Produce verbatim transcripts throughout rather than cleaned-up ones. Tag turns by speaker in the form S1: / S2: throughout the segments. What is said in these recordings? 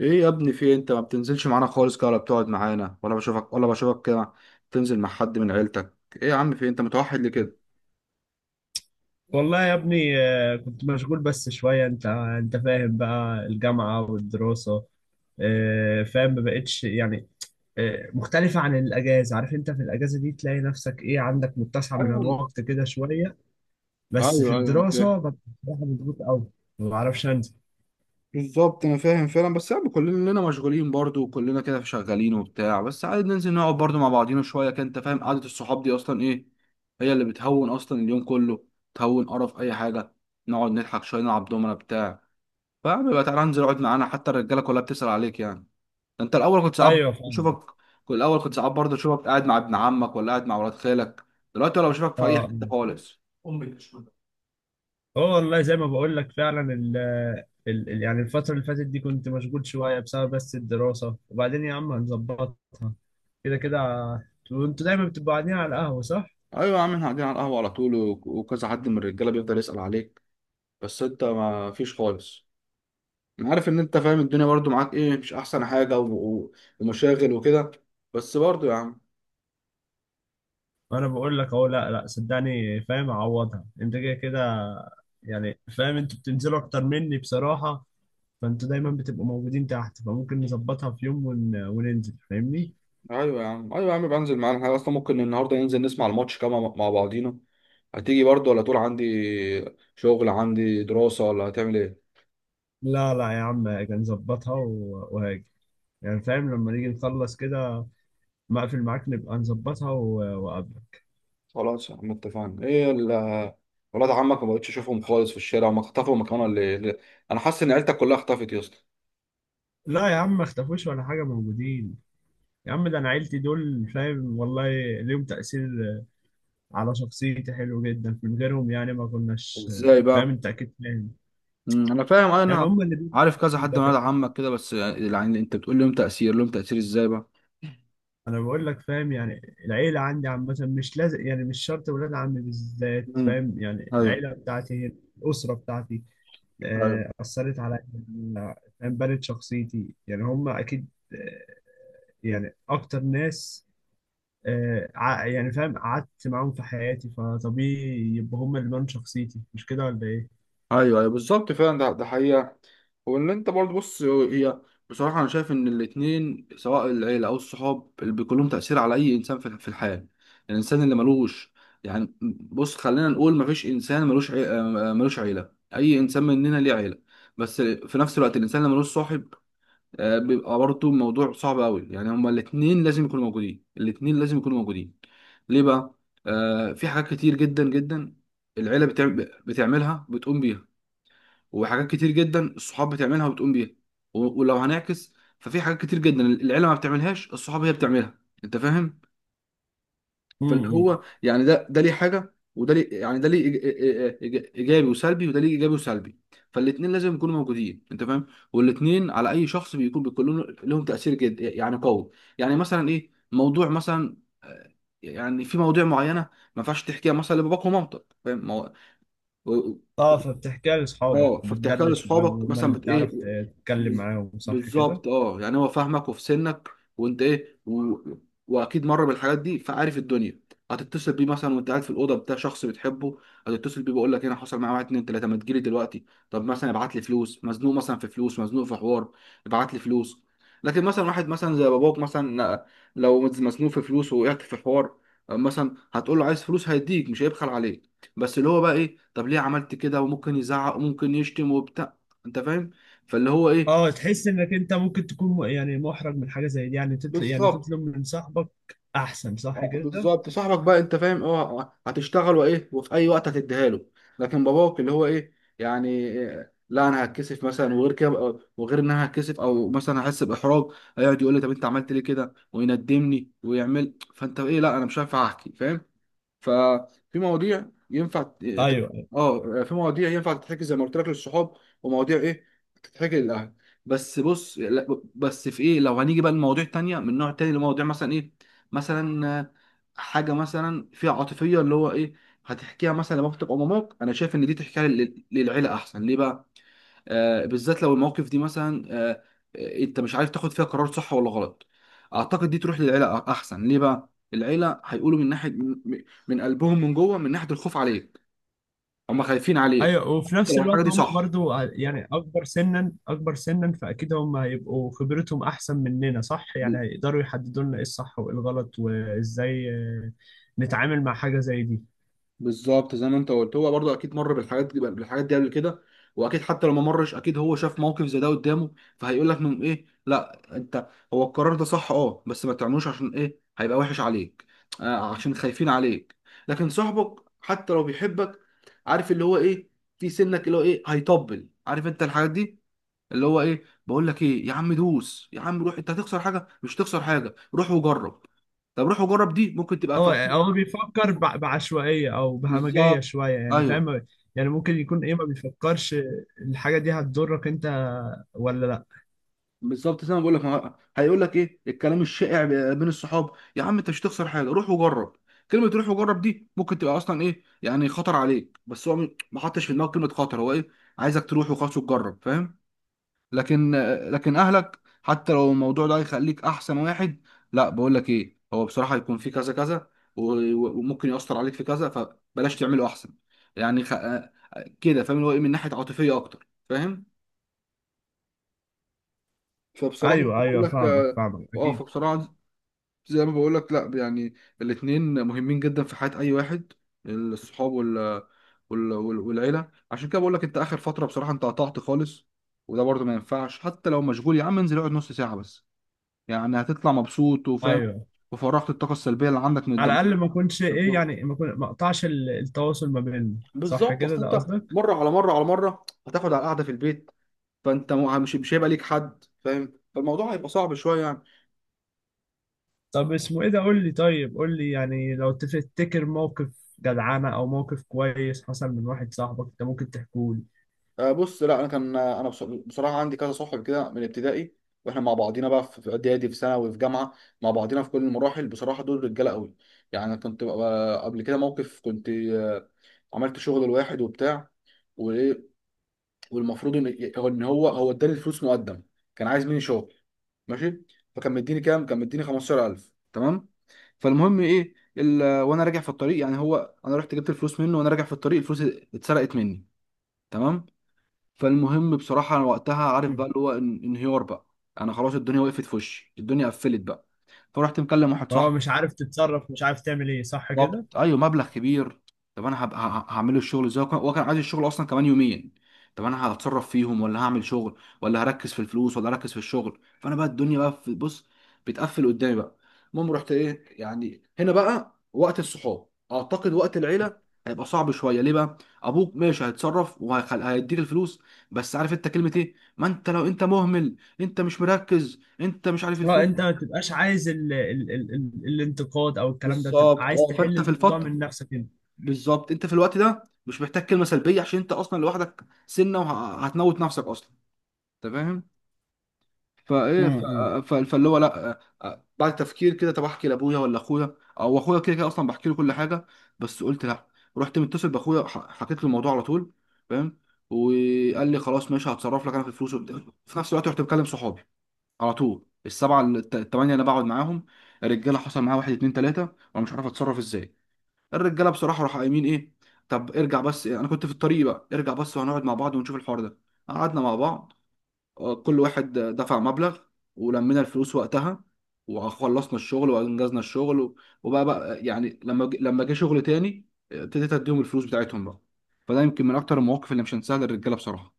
S1: ايه يا ابني في إيه؟ انت ما بتنزلش معانا خالص كده، ولا بتقعد معانا ولا بشوفك ولا بشوفك كده. تنزل مع حد من عيلتك. ايه يا عم في إيه؟ انت متوحد ليه كده.
S2: والله يا ابني آه، كنت مشغول بس شوية انت انت فاهم بقى الجامعة والدراسة. آه، فاهم ما بقتش يعني. آه، مختلفة عن الأجازة، عارف انت في الأجازة دي تلاقي نفسك ايه؟ عندك متسع من
S1: ايوه،
S2: الوقت كده شوية، بس
S1: ايوه،
S2: في
S1: ايوه، انا
S2: الدراسة
S1: فاهم.
S2: ببقى بصراحة مضغوط أوي، ما بعرفش أنزل.
S1: بالظبط انا فاهم فعلا، بس يعني كلنا مشغولين برضو، وكلنا كده شغالين وبتاع، بس عادي ننزل نقعد برضو مع بعضينا شويه كده. انت فاهم قعده الصحاب دي اصلا ايه؟ هي اللي بتهون اصلا اليوم كله. تهون قرف اي حاجه. نقعد نضحك شويه، نلعب دومنا بتاع فبيبقى تعالى انزل اقعد معانا، حتى الرجاله كلها بتسأل عليك يعني. انت الاول كنت ساعات
S2: ايوه فاهم.
S1: بشوفك، كل الاول كنت ساعات برضه اشوفك قاعد مع ابن عمك، ولا قاعد مع ولاد خالك. دلوقتي ولا بشوفك في اي
S2: اه
S1: حته خالص. امي بتشوف.
S2: اه والله، زي ما بقول لك فعلا ال ال ال- يعني الفترة اللي فاتت دي كنت مشغول شوية بسبب بس الدراسة، وبعدين يا عم هنظبطها كده كده. وانتوا دايما بتبقوا قاعدين على القهوة صح؟
S1: ايوه يا عم، احنا قاعدين على القهوه على طول، و- وكذا حد من الرجاله بيفضل يسال عليك، بس انت ما فيش خالص. انا عارف ان انت فاهم الدنيا برضه، معاك ايه مش احسن حاجه و... و... ومشاغل وكده، بس برضه يا عم.
S2: انا بقول لك اهو، لا لا صدقني فاهم، اعوضها انت كده كده. يعني فاهم انتوا بتنزلوا اكتر مني بصراحة، فانتوا دايما بتبقوا موجودين تحت، فممكن نظبطها في يوم ون... وننزل، فاهمني؟
S1: ايوه يا عم، ايوه يا عم، بنزل معانا. احنا اصلا ممكن النهارده ننزل نسمع الماتش كمان مع مع بعضينا. هتيجي برضه؟ ولا تقول عندي شغل، عندي دراسه، ولا هتعمل ايه؟
S2: لا لا يا عم هاجي نظبطها و... وهاجي، يعني فاهم لما نيجي نخلص كده مقفل معاك نبقى نظبطها و- وقبل.
S1: خلاص يا عم اتفقنا. ايه ال ولاد عمك ما بقتش اشوفهم خالص في الشارع، هم اختفوا مكانها اللي اللي- انا حاسس ان عيلتك كلها اختفت يا اسطى.
S2: لا يا عم ما اختفوش ولا حاجة، موجودين. يا عم ده انا عيلتي دول فاهم، والله ليهم تأثير على شخصيتي حلو جدا، من غيرهم يعني ما كناش.
S1: ازاي
S2: فاهم
S1: بقى؟
S2: انت اكيد فاهم،
S1: مم، انا فاهم
S2: يعني
S1: انا.
S2: هم اللي بيبنوا
S1: عارف كذا حد من
S2: شخصيتك
S1: ولاد
S2: كده.
S1: عمك كده، بس يعني انت بتقول لهم تأثير، لهم تأثير ازاي بقى؟
S2: انا بقول لك فاهم، يعني العيلة عندي عامة، مش لازم يعني مش شرط ولاد عمي بالذات،
S1: امم.
S2: فاهم يعني
S1: ايوه
S2: العيلة بتاعتي هي الأسرة بتاعتي.
S1: ايوه.
S2: آه، أثرت عليا، فاهم بنت شخصيتي، يعني هم أكيد. آه، يعني أكتر ناس آه، ع- يعني فاهم قعدت معاهم في حياتي، فطبيعي يبقى هم اللي بان شخصيتي، مش كده ولا ايه؟
S1: ايوه ايوه بالظبط فعلا، ده ده حقيقة. وان انت برضه بص، هي بصراحه انا شايف ان الاتنين، سواء العيله او الصحاب، اللي بيكون لهم تاثير على اي انسان في في الحياه. الانسان اللي ملوش يعني، بص خلينا نقول مفيش انسان ملوش عي... آه، ملوش عيله. اي انسان مننا ليه عيله. بس في نفس الوقت الانسان اللي ملوش صاحب آه، بيبقى برضه موضوع صعب قوي. يعني هما الاتنين لازم يكونوا موجودين، الاتنين لازم يكونوا موجودين. ليه بقى؟ آه في حاجات كتير جدا جدا العيله بتعم... بتعملها بتقوم بيها، وحاجات كتير جدا الصحاب بتعملها وبتقوم بيها. و- ولو هنعكس ففي حاجات كتير جدا العيله ما بتعملهاش الصحاب هي بتعملها. انت فاهم. فاللي
S2: امم.
S1: هو يعني ده ده ليه حاجه، وده ليه يعني ده ليه إيج- إيج- إيج- ايجابي وسلبي، وده ليه ايجابي وسلبي. فالاثنين لازم يكونوا موجودين، انت فاهم. والاثنين على اي شخص بيكون بيكون لهم لهم تاثير جد يعني قوي. يعني مثلا ايه موضوع مثلا، آه، يعني في مواضيع معينه ما ينفعش تحكيها مثلا لباباك ومامتك، فاهم ما هو.
S2: اه، فبتحكيها لاصحابك،
S1: اه فبتحكيها
S2: بتدردش
S1: لاصحابك
S2: معاهم، هم
S1: مثلا،
S2: اللي
S1: بت ايه،
S2: بتعرف ت- تتكلم
S1: بز-
S2: معاهم، صح كده؟
S1: بالظبط. اه يعني هو فاهمك وفي سنك، وانت ايه و... واكيد مر بالحاجات دي، فعارف الدنيا. هتتصل بيه مثلا وانت قاعد في الاوضه بتاع شخص بتحبه، هتتصل بيه بيقول لك هنا حصل معايا واحد اتنين تلاته، ما تجيلي دلوقتي. طب مثلا ابعت لي فلوس، مزنوق مثلا في فلوس، مزنوق في حوار، ابعت لي فلوس. لكن مثلا واحد مثلا زي باباك مثلا، لو مزنوق في فلوس، وقعت في حوار، مثلا هتقول له عايز فلوس، هيديك مش هيبخل عليك، بس اللي هو بقى ايه، طب ليه عملت كده، وممكن يزعق وممكن يشتم وبتاع. انت فاهم. فاللي هو ايه؟
S2: اه، تحس انك انت ممكن تكون م- يعني محرج من حاجه زي دي، يعني تطلب يعني
S1: بالظبط.
S2: تطلب من صاحبك احسن، صح
S1: آه،
S2: كده؟
S1: بالظبط صاحبك بقى انت فاهم، اه هتشتغل، وايه، وفي اي وقت هتديها له. لكن باباك اللي هو ايه، يعني إيه، لا انا هتكسف مثلا، وغير كده، وغير ان انا هتكسف، او مثلا احس باحراج. هيقعد يقول لي طب انت عملت ليه كده، ويندمني، ويعمل، فانت ايه، لا انا مش هينفع احكي، فاهم. ففي مواضيع ينفع ت- ت-
S2: ايوه
S1: اه في مواضيع ينفع تتحكي زي ما قلت لك للصحاب، ومواضيع ايه تتحكي للاهل. بس بص، لا- بس في ايه، لو هنيجي بقى لمواضيع تانية من نوع تاني، لمواضيع مثلا ايه، مثلا آه، حاجة مثلا فيها عاطفية اللي هو ايه، هتحكيها مثلا لبابتك او ماماك. انا شايف ان دي تحكيها لل- للعيلة احسن. ليه بقى؟ آه، بالذات لو المواقف دي مثلا، آه، آه، انت مش عارف تاخد فيها قرار صح ولا غلط. اعتقد دي تروح للعيله أ- احسن. ليه بقى؟ العيله هيقولوا من ناحيه، من من قلبهم من جوه، من ناحيه الخوف عليك. هم خايفين عليك
S2: ايوه، وفي
S1: حتى
S2: نفس
S1: لو الحاجه
S2: الوقت
S1: دي
S2: هم
S1: صح.
S2: برضو ع- يعني اكبر سنا اكبر سنا، فاكيد هم هيبقوا خبرتهم احسن مننا صح، يعني هيقدروا يحددوا لنا ايه الصح وايه الغلط وازاي آه، نتعامل مع حاجة زي دي.
S1: بالظبط زي ما انت قلت، هو برضه اكيد مر بالحاجات دي بالحاجات دي قبل كده، واكيد حتى لو ما مرش، اكيد هو شاف موقف زي ده قدامه. فهيقول لك من ايه، لا انت هو القرار ده صح، اه بس ما تعملوش، عشان ايه، هيبقى وحش عليك. آه عشان خايفين عليك. لكن صاحبك حتى لو بيحبك، عارف اللي هو ايه، في سنك اللي هو ايه هيطبل، عارف انت الحاجات دي، اللي هو ايه، بقول لك ايه يا عم، دوس يا عم، روح، انت هتخسر حاجه، مش هتخسر حاجه، روح وجرب. طب روح وجرب دي ممكن تبقى
S2: هو
S1: في،
S2: هو بيفكر بع- بعشوائية او بهمجية
S1: بالظبط.
S2: شوية، يعني
S1: ايوه.
S2: فاهم، يعني ممكن يكون ايه ما بيفكرش الحاجة دي هتضرك انت ولا لا.
S1: بالظبط زي ما بقول لك، ما هو- هيقول لك ايه الكلام الشائع بين الصحاب، يا عم انت مش هتخسر حاجه، روح وجرب. كلمه روح وجرب دي ممكن تبقى اصلا ايه يعني خطر عليك، بس هو م- ما حطش في دماغه كلمه خطر. هو ايه، عايزك تروح وخلاص وتجرب، فاهم. لكن لكن اهلك حتى لو الموضوع ده هيخليك احسن واحد، لا بقول لك ايه، هو بصراحه هيكون في كذا كذا، و- و- وممكن ياثر عليك في كذا، فبلاش تعمله احسن. يعني خ... آه، كده فاهم اللي هو ايه، من ناحيه عاطفيه اكتر، فاهم. فبصراحه
S2: ايوه
S1: بقول
S2: ايوه،
S1: لك
S2: فاهمك
S1: اه
S2: فاهمك
S1: آه،
S2: اكيد.
S1: فبصراحة زي ما بقولك، لا يعني، الاتنين مهمين جدا في حياة أي واحد، الصحاب وال... وال... وال... والعيلة. عشان كده بقولك أنت آخر فترة بصراحة أنت قطعت خالص، وده برضه ما ينفعش، حتى لو مشغول يا عم انزل اقعد نص ساعة بس، يعني هتطلع مبسوط وفاهم،
S2: ايوه،
S1: وفرغت الطاقة السلبية اللي عندك من
S2: على
S1: الدم.
S2: الاقل ما اكونش ايه، يعني ما أكون- ما اقطعش ال- التواصل ما بيننا، صح
S1: بالظبط،
S2: كده
S1: اصل
S2: ده
S1: انت
S2: قصدك؟
S1: مره على مره على مره هتاخد على القعده في البيت، فانت مو- مش مش هيبقى ليك حد فاهم، فالموضوع هيبقى صعب شويه يعني.
S2: طب اسمه ايه ده؟ قول لي، طيب قول لي يعني لو تفتكر موقف جدعانة او موقف كويس حصل من واحد صاحبك انت، ممكن تحكوا لي.
S1: آه، بص لا انا كان آه، انا بص- بصراحه عندي كذا صاحب كده من ابتدائي، واحنا مع بعضينا بقى في في اعدادي، في ثانوي، في جامعه، مع بعضينا في كل المراحل. بصراحه دول رجاله قوي. يعني أنا كنت آه، قبل كده موقف، كنت آه، عملت شغل لواحد وبتاع، وايه، والمفروض ان إن هو هو اداني الفلوس مقدم. كان عايز مني شغل، ماشي. فكان مديني كام، كان مديني خمسة عشر ألف، تمام. فالمهم ايه ال... وانا راجع في الطريق، يعني هو انا رحت جبت الفلوس منه، وانا راجع في الطريق الفلوس اتسرقت مني، تمام. فالمهم بصراحة أنا وقتها عارف بقى
S2: مم.
S1: اللي هو إن- انهيار بقى. أنا خلاص، الدنيا وقفت في وشي، الدنيا قفلت بقى. فرحت مكلم واحد
S2: هو
S1: صاحبي.
S2: مش عارف تتصرف، مش عارف تعمل ايه، صح كده؟
S1: بالظبط، ايوه، مبلغ كبير. طب انا هبقى ه- هعمله الشغل ازاي، وكان- هو كان عايز الشغل اصلا كمان يومين. طب انا هتصرف فيهم، ولا هعمل شغل، ولا هركز في الفلوس، ولا هركز في الشغل. فانا بقى الدنيا بقى في، بص، بتقفل قدامي بقى. المهم رحت ايه، يعني هنا بقى وقت الصحاب، اعتقد وقت العيله هيبقى صعب شويه. ليه بقى؟ ابوك ماشي هيتصرف وهيديك الفلوس، بس عارف انت كلمه ايه، ما انت لو انت مهمل، انت مش مركز، انت مش عارف
S2: اه،
S1: الفلوس.
S2: انت ما تبقاش عايز ال ال ال ال الانتقاد او الكلام ده، تبقى
S1: بالظبط،
S2: عايز
S1: اه
S2: تحل
S1: فانت في
S2: الموضوع
S1: الفتره،
S2: من نفسك انت.
S1: بالظبط، انت في الوقت ده مش محتاج كلمه سلبيه، عشان انت اصلا لوحدك سنه وهتموت نفسك اصلا. انت فاهم. فايه ف-
S2: مم.
S1: ف- فاللي هو لا، آه، آه، بعد تفكير كده، طب احكي لابويا ولا اخويا، او اخويا كده كده اصلا بحكي له كل حاجه، بس قلت لا. رحت متصل باخويا، ح- حكيت له الموضوع على طول، فاهم، وقال لي خلاص ماشي، هتصرف لك انا في الفلوس وبتاع. في نفس الوقت رحت مكلم صحابي على طول، السبعه الت- الثمانيه اللي بقعد معاهم، الرجاله حصل معاها واحد اتنين تلاته وانا مش عارف اتصرف ازاي. الرجاله بصراحه راحوا قايمين ايه، طب ارجع بس، انا كنت في الطريق بقى، ارجع بس وهنقعد مع بعض ونشوف الحوار ده. قعدنا مع بعض، آه، كل واحد آه، دفع مبلغ، ولمينا الفلوس وقتها، وخلصنا الشغل وانجزنا الشغل و- وبقى بقى يعني، لما ج- لما جه شغل تاني، آه، ابتديت اديهم الفلوس بتاعتهم بقى. فده يمكن من اكتر المواقف اللي مش هنساها للرجاله بصراحه.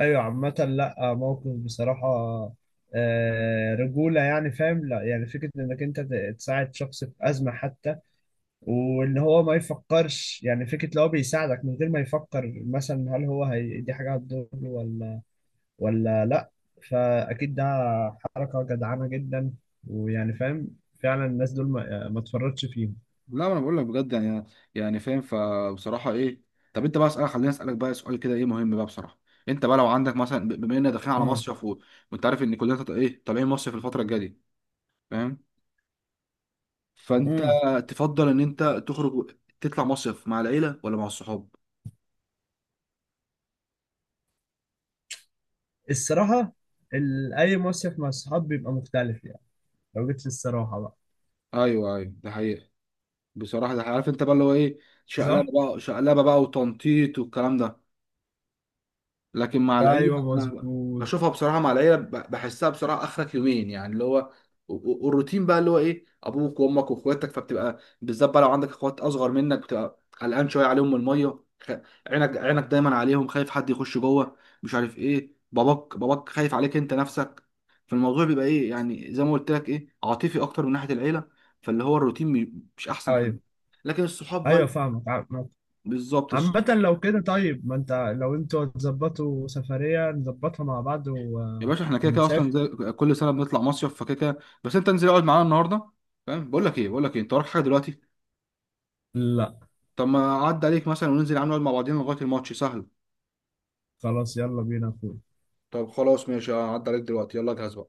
S2: ايوه، عامة لا موقف بصراحة آه، رجولة، يعني فاهم، لا يعني فكرة انك انت ت- تساعد شخص في ازمة حتى، واللي هو ما يفكرش، يعني فكرة لو هو بيساعدك من غير ما يفكر مثلا هل هو هي دي حاجة هتضره ولا ولا لا، فأكيد ده حركة جدعانة جدا، ويعني فاهم فعلا الناس دول ما, ما تفرطش فيهم.
S1: لا ما انا بقول لك بجد يعني، يعني فاهم، فبصراحه ايه، طب انت بقى اسالك، خليني اسالك بقى سؤال كده ايه مهم بقى بصراحه. انت بقى لو عندك مثلا، ب- بما اننا داخلين على
S2: امم.
S1: مصيف و... وانت عارف ان كلنا تط- ايه طالعين مصيف الفتره الجايه دي، فاهم، فانت
S2: امم.
S1: تفضل ان انت تخرج و- تطلع مصيف مع العيله ولا مع الصحاب؟
S2: الصراحة، ال- أي مصيف مع الصحاب بيبقى مختلف يعني، لو جيت للصراحة بقى.
S1: ايوه ايوه ده حقيقه. بصراحه ده حقيقة. عارف انت بقى اللي هو ايه،
S2: صح؟
S1: شقلبه بقى شقلبه بقى، وتنطيط، والكلام ده. لكن مع
S2: أيوه
S1: العيله انا
S2: مظبوط.
S1: بشوفها بصراحه، مع العيله ب- بحسها بصراحه اخرك يومين يعني اللي هو، و- و- والروتين بقى اللي هو ايه، ابوك وامك واخواتك، فبتبقى بالذات بقى لو عندك اخوات اصغر منك، بتبقى قلقان شويه عليهم من الميه خ... عينك عينك دايما عليهم، خايف حد يخش جوه، مش عارف ايه، باباك باباك خايف عليك انت نفسك. فالموضوع بيبقى ايه، يعني زي ما قلت لك ايه، عاطفي اكتر من ناحيه العيله. فاللي هو الروتين مي- مش احسن حاجه.
S2: أيوه
S1: لكن الصحاب بقى،
S2: أيوه فاهمك.
S1: بالظبط.
S2: عامة لو كده طيب ما انت، لو انتوا هتظبطوا سفرية نظبطها مع بعض و...
S1: يا باشا احنا كده كده اصلا
S2: ونسافر.
S1: زي كل سنه بنطلع مصيف، فكده كده، بس انت انزل اقعد معانا النهارده فاهم. بقول لك ايه بقول لك ايه، انت وراك حاجه دلوقتي؟
S2: لا
S1: طب ما اعدي عليك مثلا وننزل يا عم نقعد مع بعضينا لغايه الماتش، سهل.
S2: خلاص، يلا بينا يا اخوي.
S1: طب خلاص ماشي، اعدي عليك دلوقتي، يلا جهز بقى.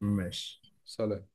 S2: ماشي.
S1: سلام.